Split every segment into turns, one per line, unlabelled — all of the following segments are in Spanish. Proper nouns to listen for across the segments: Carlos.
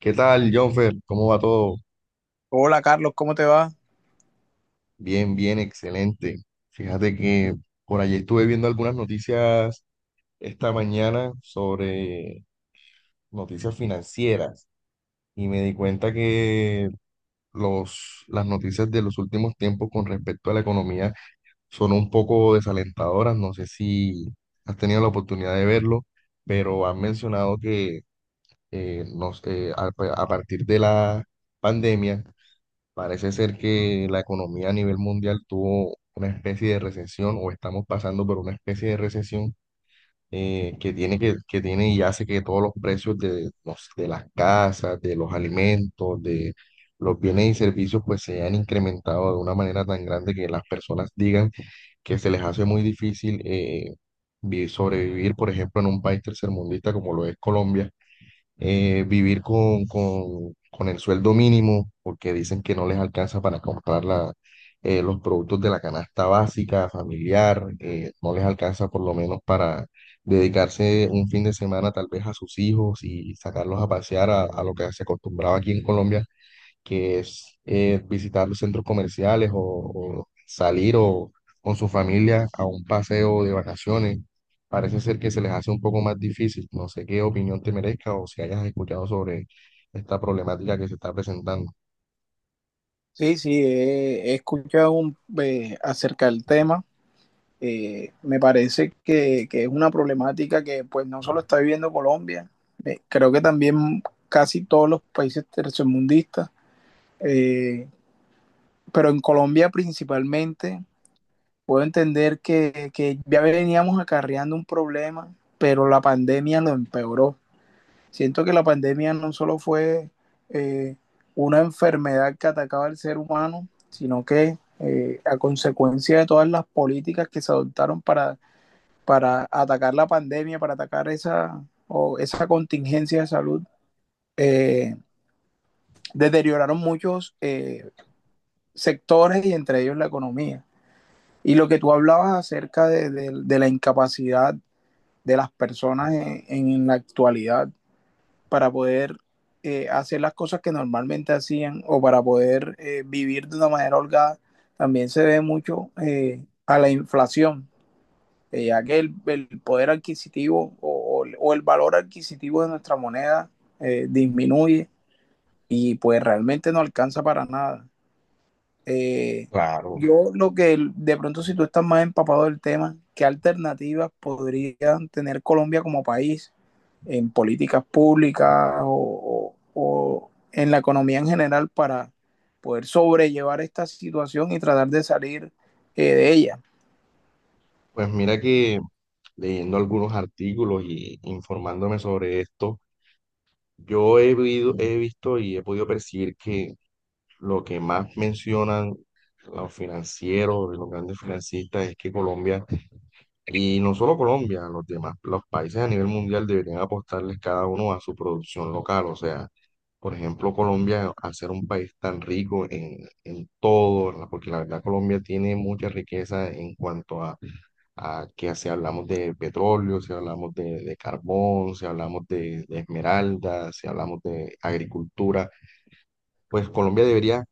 ¿Qué tal, Jonfer? ¿Cómo va todo?
Hola Carlos, ¿cómo te va?
Bien, bien, excelente. Fíjate que por allí estuve viendo algunas noticias esta mañana sobre noticias financieras y me di cuenta que las noticias de los últimos tiempos con respecto a la economía son un poco desalentadoras. No sé si has tenido la oportunidad de verlo, pero han mencionado que eh, nos- eh, a a partir de la pandemia. Parece ser que la economía a nivel mundial tuvo una especie de recesión, o estamos pasando por una especie de recesión, que tiene que tiene y hace que todos los precios de las casas, de los alimentos, de los bienes y servicios pues se hayan incrementado de una manera tan grande que las personas digan que se les hace muy difícil sobrevivir, por ejemplo, en un país tercermundista como lo es Colombia. Eh, vivir con el sueldo mínimo, porque dicen que no les alcanza para comprar los productos de la canasta básica, familiar. No les alcanza por lo menos para dedicarse un fin de semana tal vez a sus hijos y sacarlos a pasear a lo que se acostumbraba aquí en Colombia, que es visitar los centros comerciales, o salir o con su familia a un paseo de vacaciones. Parece ser que se les hace un poco más difícil. No sé qué opinión te merezca o si hayas escuchado sobre esta problemática que se está presentando.
Sí, sí, he escuchado un, acerca del tema. Me parece que es una problemática que pues no solo está viviendo Colombia, creo que también casi todos los países tercermundistas, eh, pero en Colombia principalmente puedo entender que ya veníamos acarreando un problema, pero la pandemia lo empeoró. Siento que la pandemia no solo fue eh, una enfermedad que atacaba al ser humano, sino que a consecuencia de todas las políticas que se adoptaron para atacar la pandemia, para atacar esa, o esa contingencia de salud, eh, deterioraron muchos sectores y entre ellos la economía. Y lo que tú hablabas acerca de la incapacidad de las personas en la actualidad para poder hacer las cosas que normalmente hacían o para poder vivir de una manera holgada, también se debe mucho a la inflación, ya que poder adquisitivo el valor adquisitivo de nuestra moneda disminuye y pues realmente no alcanza para nada. Eh,
Claro.
yo lo que de pronto si tú estás más empapado del tema, ¿qué alternativas podrían tener Colombia como país en políticas públicas o en la economía en general para poder sobrellevar esta situación y tratar de salir de ella?
Pues mira que leyendo algunos artículos y informándome sobre esto, yo he visto y he podido percibir que lo que más mencionan los financieros, los grandes financistas, es que Colombia, y no solo Colombia, los demás, los países a nivel mundial deberían apostarles cada uno a su producción local. O sea, por ejemplo, Colombia, al ser un país tan rico en todo, porque la verdad Colombia tiene mucha riqueza en cuanto a que si hablamos de petróleo, si hablamos de carbón, si hablamos de esmeraldas, si hablamos de agricultura, pues Colombia debería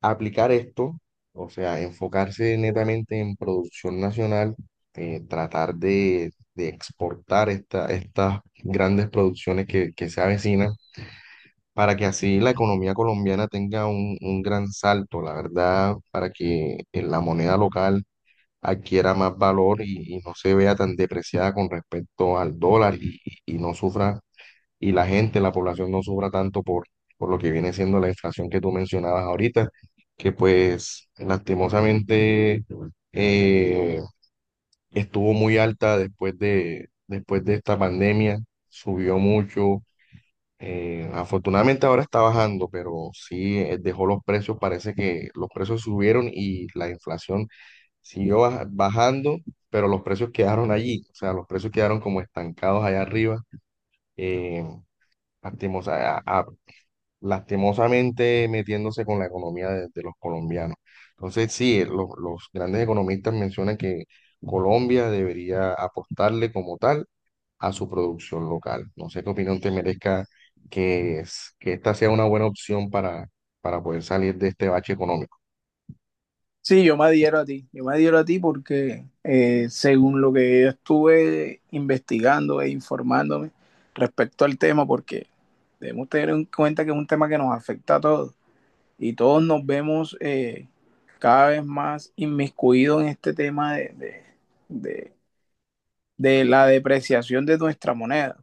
aplicar esto, o sea, enfocarse netamente en producción nacional, tratar de exportar estas grandes producciones que se avecinan, para que así la economía colombiana tenga un gran salto, la verdad, para que la moneda local adquiera más valor y no se vea tan depreciada con respecto al dólar y no sufra y la gente, la población no sufra tanto por lo que viene siendo la inflación que tú mencionabas ahorita, que pues lastimosamente eh, estuvo muy alta después de esta pandemia, subió mucho. Afortunadamente ahora está bajando, pero sí dejó los precios, parece que los precios subieron y la inflación siguió bajando, pero los precios quedaron allí, o sea, los precios quedaron como estancados allá arriba. eh, lastimosa- a- a- Lastimosamente metiéndose con la economía de los colombianos. Entonces, sí, los grandes economistas mencionan que Colombia debería apostarle como tal a su producción local. No sé qué opinión te merezca que esta sea una buena opción para poder salir de este bache económico.
Sí, yo me adhiero a ti, yo me adhiero a ti porque según lo que yo estuve investigando e informándome respecto al tema, porque debemos tener en cuenta que es un tema que nos afecta a todos y todos nos vemos cada vez más inmiscuidos en este tema de, la depreciación de nuestra moneda.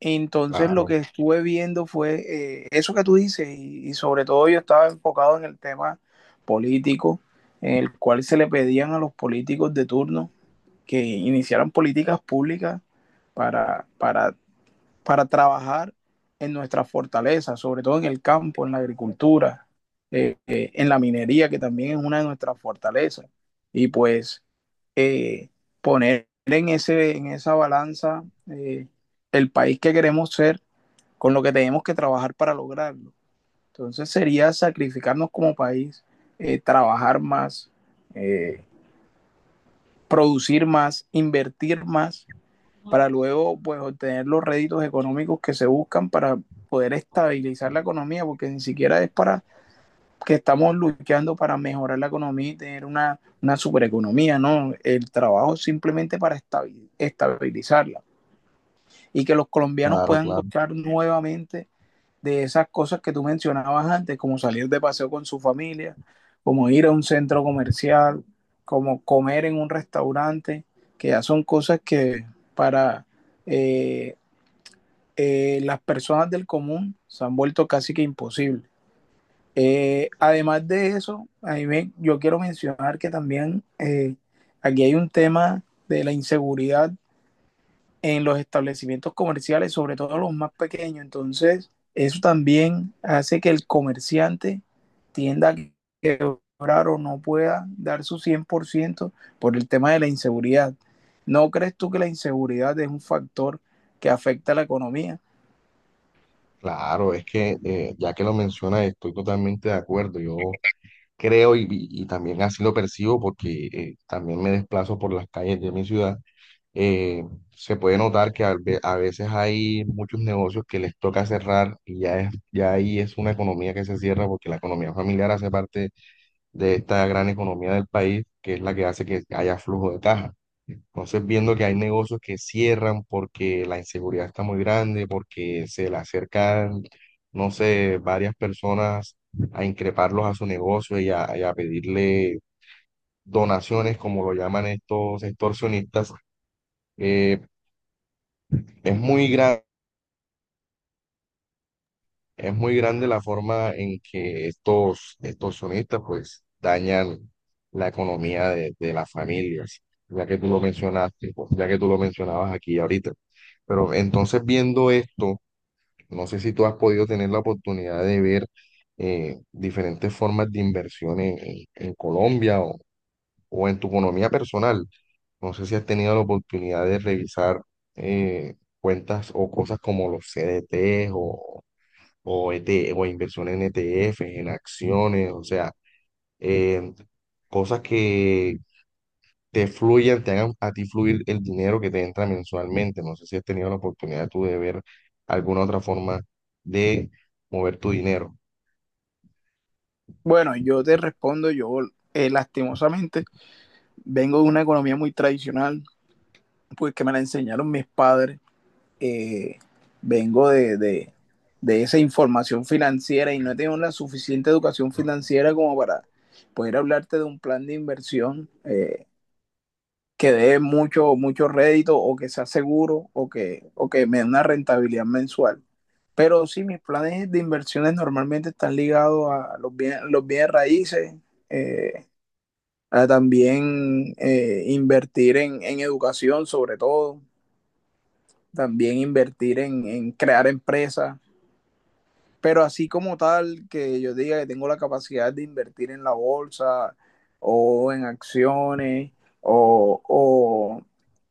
Entonces lo
Claro,
que estuve viendo fue eso que tú dices sobre todo yo estaba enfocado en el tema político, en el cual se le pedían a los políticos de turno que iniciaran políticas públicas para, para para trabajar en nuestra fortaleza, sobre todo en el campo, en la agricultura, en la minería, que también es una de nuestras fortalezas. Y pues eh, poner en, ese, en esa balanza, eh, el país que queremos ser con lo que tenemos que trabajar para lograrlo. Entonces sería sacrificarnos como país, trabajar más, eh, producir más, invertir más para luego pues obtener los réditos económicos que se buscan para poder estabilizar la economía, porque ni siquiera es para que estamos luchando para mejorar la economía y tener una supereconomía, no, el trabajo es simplemente para estabilizarla y que los colombianos
claro,
puedan
claro.
gozar nuevamente de esas cosas que tú mencionabas antes, como salir de paseo con su familia, como ir a un centro comercial, como comer en un restaurante, que ya son cosas que para eh, las personas del común se han vuelto casi que imposibles. Además de eso, a mí me- yo quiero mencionar que también aquí hay un tema de la inseguridad en los establecimientos comerciales, sobre todo los más pequeños. Entonces, eso también hace que el comerciante tienda a quebrar o no pueda dar su 100% por ciento por el tema de la inseguridad. ¿No crees tú que la inseguridad es un factor que afecta a la economía?
Claro, es que ya que lo mencionas, estoy totalmente de acuerdo. Yo creo y también así lo percibo porque también me desplazo por las calles de mi ciudad. eh, Se puede notar que a veces hay muchos negocios que les toca cerrar y ya, es, ya ahí es una economía que se cierra, porque la economía familiar hace parte de esta gran economía del país, que es la que hace que haya flujo de caja. Entonces, viendo que hay negocios que cierran porque la inseguridad está muy grande, porque se le acercan, no sé, varias personas a increparlos a su negocio y a pedirle donaciones, como lo llaman estos extorsionistas, eh, es muy. Es muy grande la forma en que estos, estos sonistas pues dañan la economía de las familias, ya que tú lo mencionaste, pues, ya que tú lo mencionabas aquí ahorita. Pero entonces viendo esto, no sé si tú has podido tener la oportunidad de ver diferentes formas de inversión en, en Colombia o en tu economía personal. No sé si has tenido la oportunidad de revisar eh, cuentas o cosas como los CDTs o, ET o inversión en ETFs, en acciones, o sea, eh, cosas que te fluyan, te hagan a ti fluir el dinero que te entra mensualmente. No sé si has tenido la oportunidad tú de ver alguna otra forma de mover tu dinero.
Bueno, yo te respondo, yo lastimosamente vengo de una economía muy tradicional, pues que me la enseñaron mis padres, eh, vengo de esa información financiera y no he tenido la suficiente educación financiera como para poder hablarte de un plan de inversión que dé mucho, mucho rédito o que sea seguro o o que me dé una rentabilidad mensual. Pero sí, mis planes de inversiones normalmente están ligados a los bienes raíces, eh, a también invertir educación sobre todo, también invertir en crear empresas, pero así como tal que yo diga que tengo la capacidad de invertir en la bolsa o en acciones o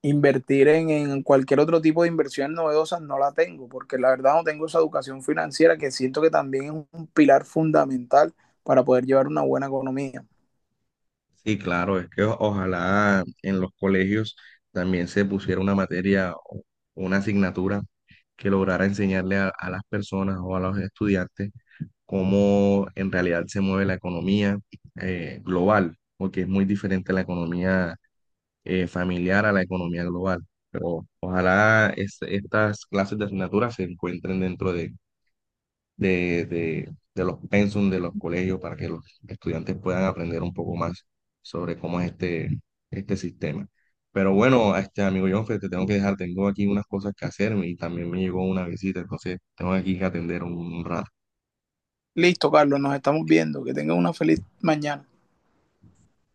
invertir cualquier otro tipo de inversión novedosas no la tengo, porque la verdad no tengo esa educación financiera que siento que también es un pilar fundamental para poder llevar una buena economía.
Sí, claro, es que ojalá en los colegios también se pusiera una materia o una asignatura que lograra enseñarle a las personas o a los estudiantes cómo en realidad se mueve la economía global, porque es muy diferente la economía familiar a la economía global. Pero ojalá estas clases de asignaturas se encuentren dentro de los pensum de los colegios para que los estudiantes puedan aprender un poco más sobre cómo es este, este sistema. Pero bueno, este amigo Jonfe, te tengo que dejar, tengo aquí unas cosas que hacerme y también me llegó una visita, entonces tengo aquí que atender un rato.
Listo, Carlos, nos estamos viendo. Que tengan una feliz mañana.